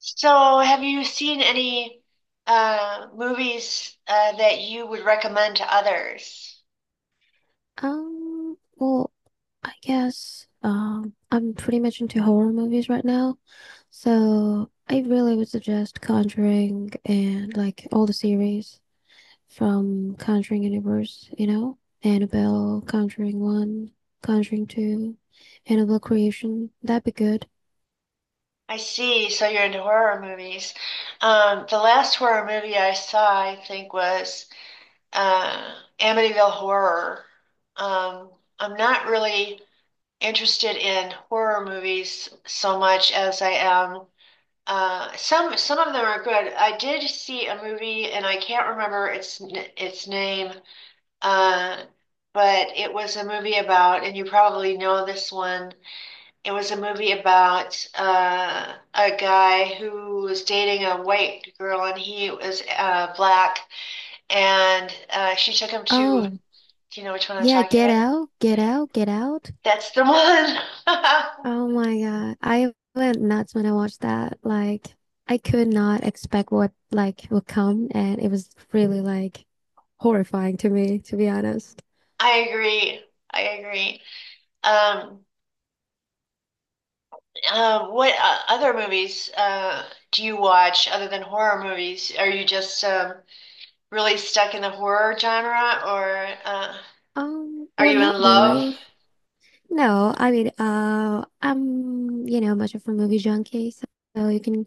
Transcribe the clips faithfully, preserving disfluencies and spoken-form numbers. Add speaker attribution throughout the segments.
Speaker 1: So, have you seen any uh, movies uh, that you would recommend to others?
Speaker 2: Um, well, I guess um I'm pretty much into horror movies right now. So I really would suggest Conjuring and like all the series from Conjuring Universe, you know, Annabelle, Conjuring one, Conjuring two, Annabelle Creation. That'd be good.
Speaker 1: I see. So you're into horror movies. Um, the last horror movie I saw, I think, was uh, Amityville Horror. Um, I'm not really interested in horror movies so much as I am. Uh, some some of them are good. I did see a movie, and I can't remember its n- its name. Uh, but it was a movie about, and you probably know this one. It was a movie about uh, a guy who was dating a white girl, and he was uh, black, and uh, she took him to.
Speaker 2: Oh,
Speaker 1: Do you know which one I'm
Speaker 2: yeah,
Speaker 1: talking
Speaker 2: Get
Speaker 1: about?
Speaker 2: Out, Get Out, Get Out.
Speaker 1: That's the one.
Speaker 2: Oh my God. I went nuts when I watched that. Like I could not expect what like would come and it was really like horrifying to me, to be honest.
Speaker 1: I agree. I agree. Um, um, what uh, other movies uh, do you watch other than horror movies? Are you just um, really stuck in the horror genre, or uh,
Speaker 2: Um,
Speaker 1: are
Speaker 2: well,
Speaker 1: you in
Speaker 2: not
Speaker 1: love?
Speaker 2: really. No, I mean uh I'm, you know, much of a movie junkie, so, so you can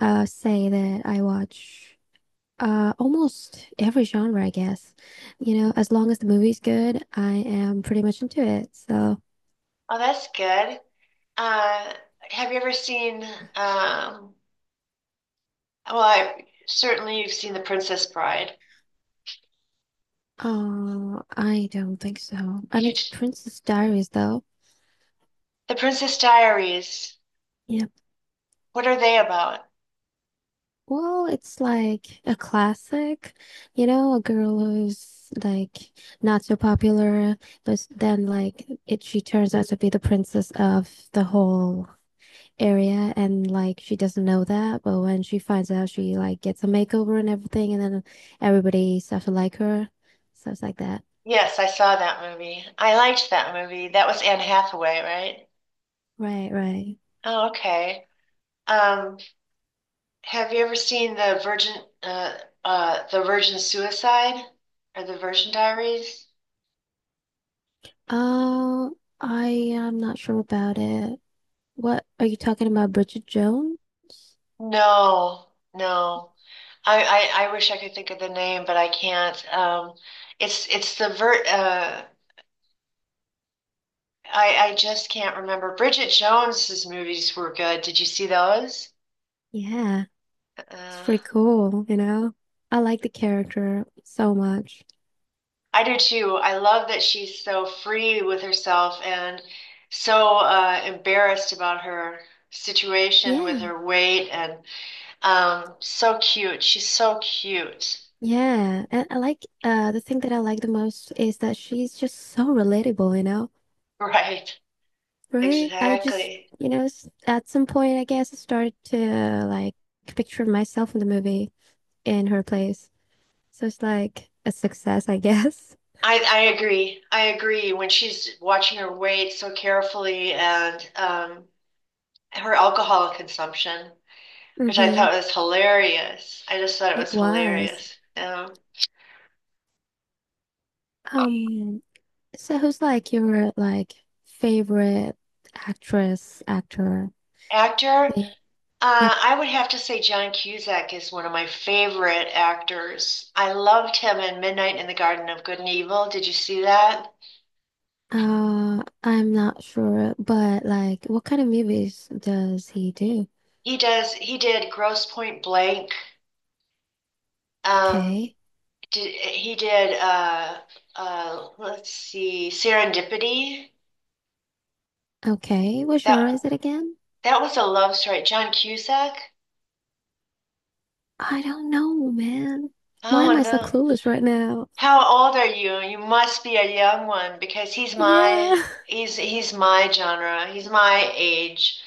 Speaker 2: uh say that I watch uh almost every genre, I guess. You know, as long as the movie's good, I am pretty much into it. So,
Speaker 1: Oh, that's good. Uh, have you ever seen? Um, well, I, certainly you've seen The Princess Bride.
Speaker 2: oh, I don't think so. I
Speaker 1: You,
Speaker 2: mean, the Princess Diaries, though.
Speaker 1: The Princess Diaries.
Speaker 2: Yeah.
Speaker 1: What are they about?
Speaker 2: Well, it's like a classic, you know, a girl who's like not so popular, but s- then like it, she turns out to be the princess of the whole area, and like she doesn't know that, but when she finds out, she like gets a makeover and everything, and then everybody starts to like her, stuff like that.
Speaker 1: Yes, I saw that movie. I liked that movie. That was Anne Hathaway, right?
Speaker 2: Right, right.
Speaker 1: Oh, okay. Um, have you ever seen the Virgin, uh, uh, the Virgin Suicide or the Virgin Diaries?
Speaker 2: Oh, I am not sure about it. What are you talking about, Bridget Jones?
Speaker 1: No, no. I, I, I wish I could think of the name, but I can't. Um, it's it's the vert. Uh, I I just can't remember. Bridget Jones's movies were good. Did you see those?
Speaker 2: Yeah, it's
Speaker 1: Uh,
Speaker 2: pretty cool, you know? I like the character so much.
Speaker 1: I do too. I love that she's so free with herself and so uh, embarrassed about her situation with
Speaker 2: Yeah,
Speaker 1: her weight and um, so cute. She's so cute.
Speaker 2: yeah. And I like uh the thing that I like the most is that she's just so relatable, you know?
Speaker 1: Right.
Speaker 2: Right? I just,
Speaker 1: Exactly.
Speaker 2: you know, s- at some point I guess I started to like picture myself in the movie in her place. So it's like a success, I guess.
Speaker 1: I, I agree. I agree. When she's watching her weight so carefully and um, her alcohol consumption, which I
Speaker 2: Mm-hmm.
Speaker 1: thought was hilarious. I just thought it
Speaker 2: It
Speaker 1: was
Speaker 2: was.
Speaker 1: hilarious. Um,
Speaker 2: Um, So who's like your like favorite actress, actor?
Speaker 1: actor,
Speaker 2: Yeah. Yep.
Speaker 1: uh, I would have to say John Cusack is one of my favorite actors. I loved him in Midnight in the Garden of Good and Evil. Did you see that?
Speaker 2: Uh, I'm not sure, but like what kind of movies does he do?
Speaker 1: He does. He did Gross Point Blank. Um,
Speaker 2: Okay.
Speaker 1: did, he did. Uh, uh, let's see, Serendipity.
Speaker 2: Okay. What
Speaker 1: That
Speaker 2: genre is it again?
Speaker 1: that was a love story. John Cusack?
Speaker 2: I don't know, man. Why am
Speaker 1: Oh
Speaker 2: I so
Speaker 1: no.
Speaker 2: clueless right now?
Speaker 1: How old are you? You must be a young one because he's my
Speaker 2: Yeah.
Speaker 1: he's he's my genre. He's my age.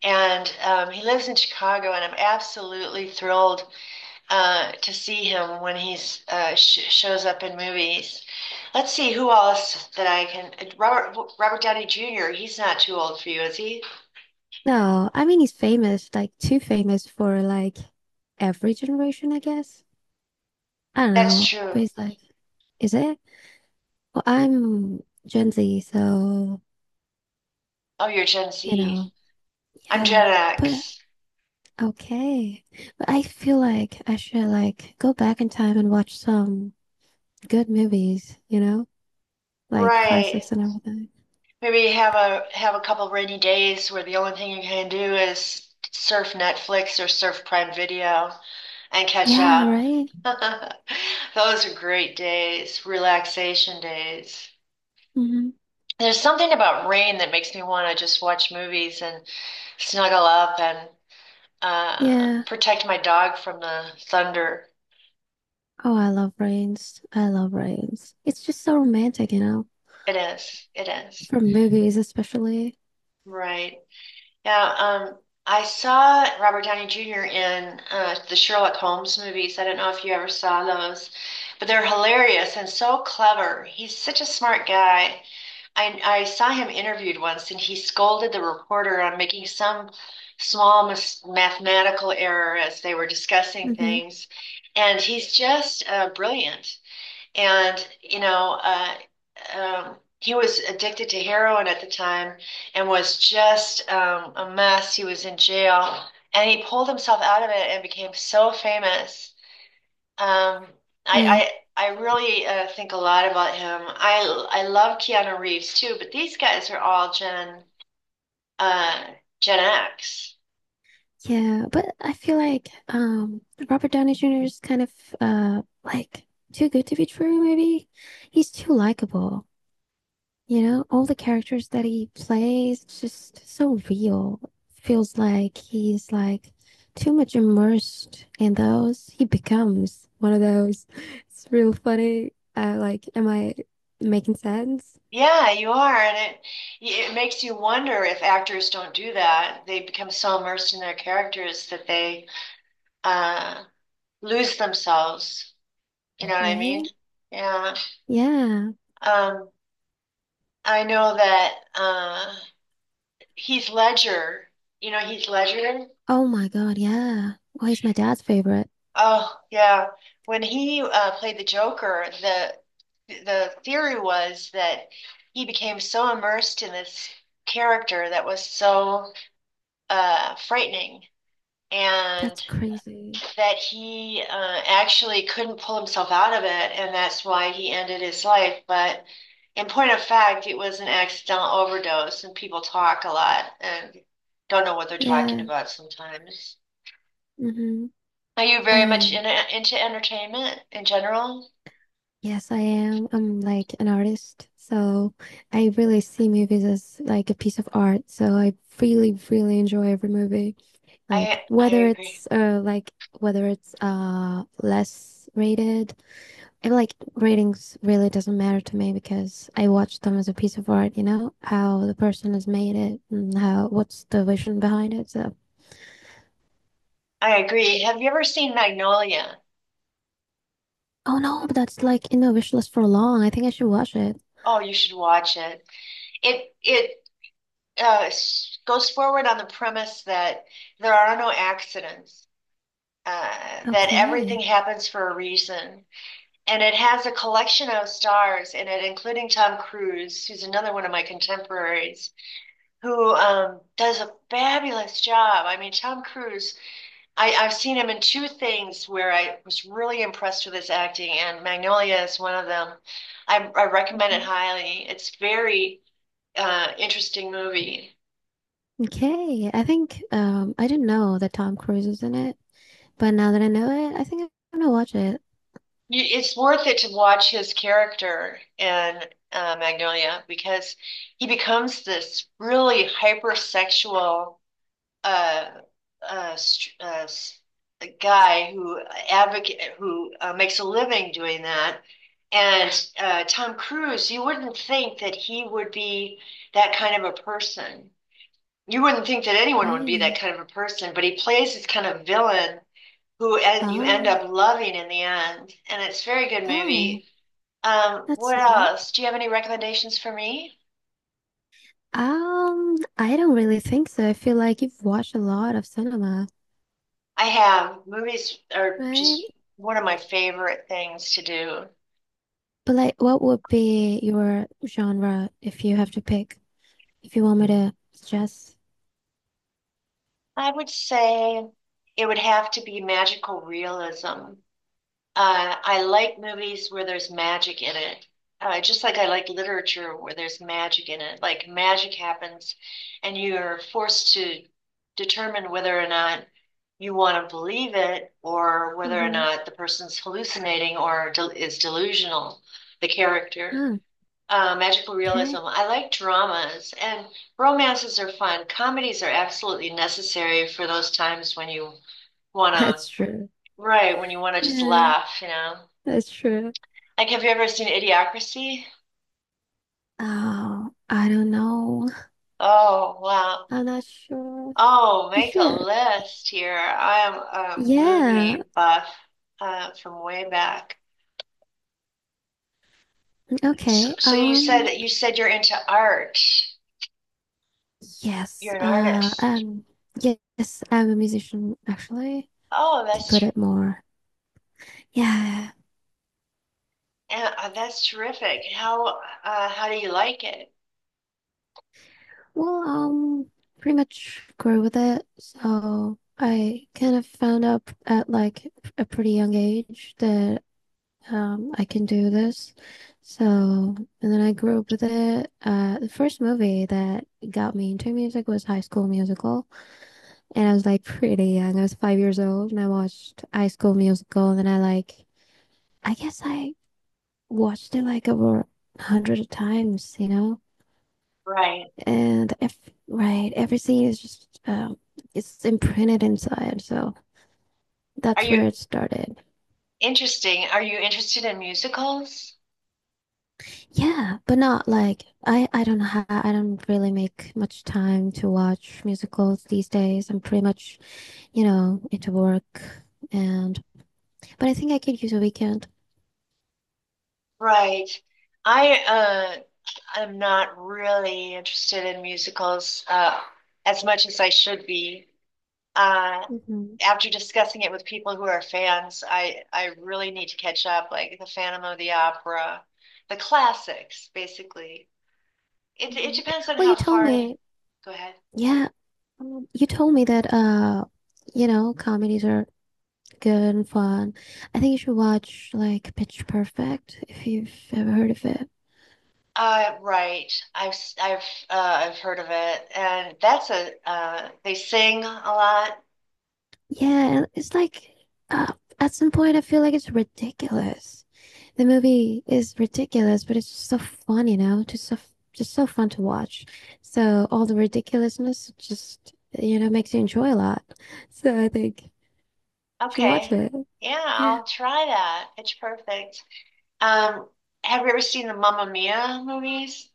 Speaker 1: And um, he lives in Chicago, and I'm absolutely thrilled uh, to see him when he uh, sh shows up in movies. Let's see who else that I can. Robert Robert Downey Junior He's not too old for you, is he?
Speaker 2: No, I mean he's famous, like too famous for like every generation, I guess. I don't
Speaker 1: That's
Speaker 2: know, but
Speaker 1: true.
Speaker 2: he's like, is it? Well, I'm Gen Z, so
Speaker 1: Oh, you're Gen
Speaker 2: you
Speaker 1: Z.
Speaker 2: know,
Speaker 1: I'm Gen
Speaker 2: yeah. But
Speaker 1: X.
Speaker 2: okay. But I feel like I should like go back in time and watch some good movies, you know, like
Speaker 1: Right.
Speaker 2: classics and everything.
Speaker 1: Maybe have a have a couple of rainy days where the only thing you can do is surf Netflix or surf Prime Video and catch
Speaker 2: Yeah,
Speaker 1: up.
Speaker 2: right?
Speaker 1: Those are great days, relaxation days.
Speaker 2: Mm-hmm.
Speaker 1: There's something about rain that makes me want to just watch movies and snuggle up and uh,
Speaker 2: Yeah.
Speaker 1: protect my dog from the thunder.
Speaker 2: Oh, I love Rains. I love Rains. It's just so romantic, you know,
Speaker 1: It is, it is.
Speaker 2: for movies especially.
Speaker 1: Right. Yeah, um, I saw Robert Downey Junior in uh, the Sherlock Holmes movies. I don't know if you ever saw those, but they're hilarious and so clever. He's such a smart guy. I, I saw him interviewed once, and he scolded the reporter on making some small mis mathematical error as they were discussing
Speaker 2: Mm-hmm.
Speaker 1: things. And he's just uh, brilliant. And, you know, uh, um, he was addicted to heroin at the time and was just um, a mess. He was in jail and he pulled himself out of it and became so famous. Um,
Speaker 2: Right.
Speaker 1: I, I, I really uh, think a lot about him. I, I love Keanu Reeves too, but these guys are all Gen, uh, Gen X.
Speaker 2: Yeah, but I feel like um Robert Downey Junior is kind of uh like too good to be true, maybe. He's too likable. You know, all the characters that he plays, it's just so real. Feels like he's like too much immersed in those. He becomes one of those. It's real funny. Uh, like, am I making sense?
Speaker 1: Yeah, you are, and it it makes you wonder if actors don't do that. They become so immersed in their characters that they uh lose themselves. You know what I mean?
Speaker 2: Right?
Speaker 1: Yeah.
Speaker 2: Yeah.
Speaker 1: Um, I know that uh Heath Ledger, you know Heath Ledger?
Speaker 2: Oh my God, yeah. Well, he's my dad's favorite.
Speaker 1: Oh, yeah. When he uh played the Joker, the the theory was that he became so immersed in this character that was so uh frightening and
Speaker 2: That's crazy.
Speaker 1: that he uh, actually couldn't pull himself out of it, and that's why he ended his life. But in point of fact, it was an accidental overdose, and people talk a lot and don't know what they're talking
Speaker 2: Yeah.
Speaker 1: about sometimes.
Speaker 2: Mm-hmm.
Speaker 1: Are you
Speaker 2: I
Speaker 1: very much
Speaker 2: mean,
Speaker 1: in, Into entertainment in general?
Speaker 2: yes, I am. I'm like an artist, so I really see movies as like a piece of art. So I really, really enjoy every movie. Like
Speaker 1: I I
Speaker 2: whether
Speaker 1: agree.
Speaker 2: it's uh like whether it's uh less rated. I like ratings really doesn't matter to me because I watch them as a piece of art, you know, how the person has made it and how what's the vision behind it. So,
Speaker 1: I agree. Have you ever seen Magnolia?
Speaker 2: oh no, but that's like in the wish list for long. I think I should watch it.
Speaker 1: Oh, you should watch it. It it uh, s- goes forward on the premise that there are no accidents. uh, that everything
Speaker 2: Okay.
Speaker 1: happens for a reason. And it has a collection of stars in it, including Tom Cruise, who's another one of my contemporaries, who um, does a fabulous job. I mean, Tom Cruise, I, I've seen him in two things where I was really impressed with his acting, and Magnolia is one of them. I, I recommend it highly. It's very uh, interesting movie.
Speaker 2: Okay, I think um I didn't know that Tom Cruise is in it, but now that I know it, I think I'm gonna watch it.
Speaker 1: You, it's worth it to watch his character in uh, Magnolia because he becomes this really hypersexual uh, uh, st- uh, s- guy who advocate who uh, makes a living doing that. And uh, Tom Cruise, you wouldn't think that he would be that kind of a person. You wouldn't think that anyone would be that
Speaker 2: Right.
Speaker 1: kind of a person, but he plays this kind of villain who en- you end
Speaker 2: Oh,
Speaker 1: up loving in the end. And it's a very good
Speaker 2: oh,
Speaker 1: movie. Um,
Speaker 2: that's
Speaker 1: what
Speaker 2: sweet.
Speaker 1: else? Do you have any recommendations for me?
Speaker 2: Um, I don't really think so. I feel like you've watched a lot of cinema,
Speaker 1: I have. Movies are
Speaker 2: right?
Speaker 1: just one of my favorite things to do.
Speaker 2: But like, what would be your genre if you have to pick? If you want me to suggest?
Speaker 1: I would say it would have to be magical realism. Uh, I like movies where there's magic in it. Uh, just like I like literature where there's magic in it. Like magic happens and you're forced to determine whether or not you want to believe it or whether or
Speaker 2: Mm-hmm.
Speaker 1: not the person's hallucinating or del is delusional, the character.
Speaker 2: Oh,
Speaker 1: Uh, magical realism.
Speaker 2: okay.
Speaker 1: I like dramas and romances are fun. Comedies are absolutely necessary for those times when you want to,
Speaker 2: That's true.
Speaker 1: right, when you want to just
Speaker 2: Yeah,
Speaker 1: laugh, you know.
Speaker 2: that's true.
Speaker 1: Like, have you ever seen Idiocracy?
Speaker 2: Oh, I don't know.
Speaker 1: Oh, wow.
Speaker 2: I'm not sure.
Speaker 1: Oh,
Speaker 2: You
Speaker 1: make a
Speaker 2: should.
Speaker 1: list here. I am a
Speaker 2: Yeah.
Speaker 1: movie buff uh, from way back. So,
Speaker 2: Okay.
Speaker 1: so you said
Speaker 2: Um,
Speaker 1: you said you're into art. You're
Speaker 2: yes.
Speaker 1: an
Speaker 2: Uh,
Speaker 1: artist.
Speaker 2: um, yes, I'm a musician actually,
Speaker 1: Oh,
Speaker 2: to
Speaker 1: that's
Speaker 2: put it more. Yeah.
Speaker 1: uh, that's terrific. How uh, how do you like it?
Speaker 2: Well, um, pretty much grew with it. So I kind of found out at like a pretty young age that um I can do this. So, and then I grew up with it. Uh, the first movie that got me into music was High School Musical. And I was like pretty young. I was five years old and I watched High School Musical. And then I like, I guess I watched it like over a hundred times, you know?
Speaker 1: Right.
Speaker 2: And if, right, everything is just, um, it's imprinted inside. So
Speaker 1: Are
Speaker 2: that's where
Speaker 1: you
Speaker 2: it started.
Speaker 1: interesting? Are you interested in musicals?
Speaker 2: Yeah, but not like, I, I don't know how, I don't really make much time to watch musicals these days. I'm pretty much, you know, into work. And, but I think I could use a weekend.
Speaker 1: Right. I uh, I'm not really interested in musicals uh, as much as I should be. Uh,
Speaker 2: Mhm.
Speaker 1: After discussing it with people who are fans, I, I really need to catch up, like the Phantom of the Opera, the classics, basically. It, it
Speaker 2: Mhm.
Speaker 1: depends on
Speaker 2: Well,
Speaker 1: how
Speaker 2: you told
Speaker 1: far.
Speaker 2: me,
Speaker 1: Go ahead.
Speaker 2: yeah, um, you told me that uh, you know, comedies are good and fun. I think you should watch like Pitch Perfect if you've ever heard of it.
Speaker 1: Uh, right. I've I I've uh, I've heard of it, and that's a uh, they sing a lot.
Speaker 2: Yeah, and it's like uh, at some point I feel like it's ridiculous. The movie is ridiculous, but it's just so fun, you know, just so f- just so fun to watch. So all the ridiculousness just, you know, makes you enjoy a lot. So I think you should watch
Speaker 1: Okay.
Speaker 2: it.
Speaker 1: Yeah,
Speaker 2: Yeah.
Speaker 1: I'll try that. Pitch Perfect. Um, have you ever seen the Mamma Mia movies?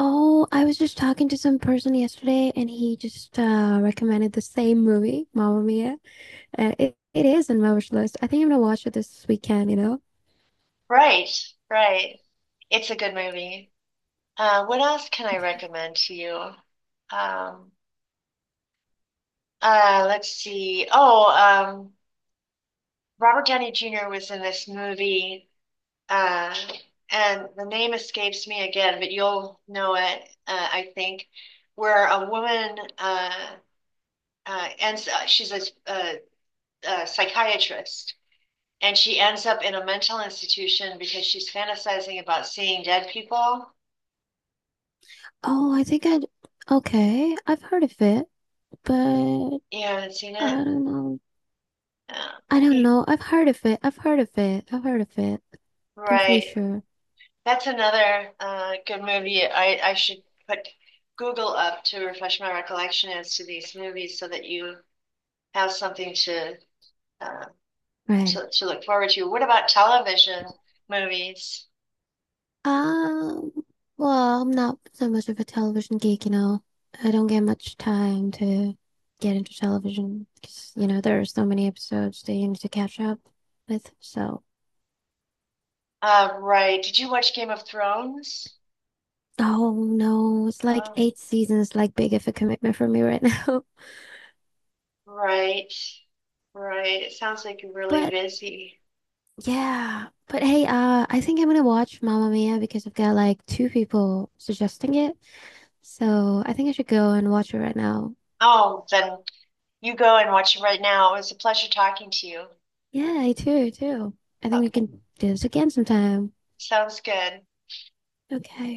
Speaker 2: Oh, I was just talking to some person yesterday and he just uh, recommended the same movie, Mamma Mia. Uh, it, it is on my wish list. I think I'm gonna watch it this weekend, you know?
Speaker 1: Right, right. It's a good movie. Uh, what else can I recommend to you? Um, uh, let's see. Oh, um, Robert Downey Junior was in this movie, uh, and the name escapes me again, but you'll know it, uh, I think, where a woman uh, uh, ends, uh, she's a, a, a psychiatrist. And she ends up in a mental institution because she's fantasizing about seeing dead people.
Speaker 2: Oh, I think I'd. Okay, I've heard of it, but I
Speaker 1: You haven't seen it?
Speaker 2: don't know. I
Speaker 1: Yeah.
Speaker 2: don't know. I've heard of it. I've heard of it. I've heard of it. I'm pretty
Speaker 1: Right.
Speaker 2: sure.
Speaker 1: That's another uh, good movie. I, I should put Google up to refresh my recollection as to these movies so that you have something to uh,
Speaker 2: Right.
Speaker 1: to, to look forward to. What about television movies?
Speaker 2: Um, well, I'm not so much of a television geek, you know. I don't get much time to get into television because, you know, there are so many episodes that you need to catch up with. So,
Speaker 1: Uh, right. Did you watch Game of Thrones?
Speaker 2: oh no, it's like
Speaker 1: Oh,
Speaker 2: eight seasons, like big of a commitment for me right now.
Speaker 1: right. Right. It sounds like you're really
Speaker 2: But
Speaker 1: busy.
Speaker 2: yeah, but hey, uh, I think I'm gonna watch Mamma Mia because I've got like two people suggesting it. So I think I should go and watch it right now.
Speaker 1: Oh, then you go and watch it right now. It was a pleasure talking to you.
Speaker 2: Yeah, I too, too. I think we
Speaker 1: Okay,
Speaker 2: can do this again sometime.
Speaker 1: sounds good.
Speaker 2: Okay.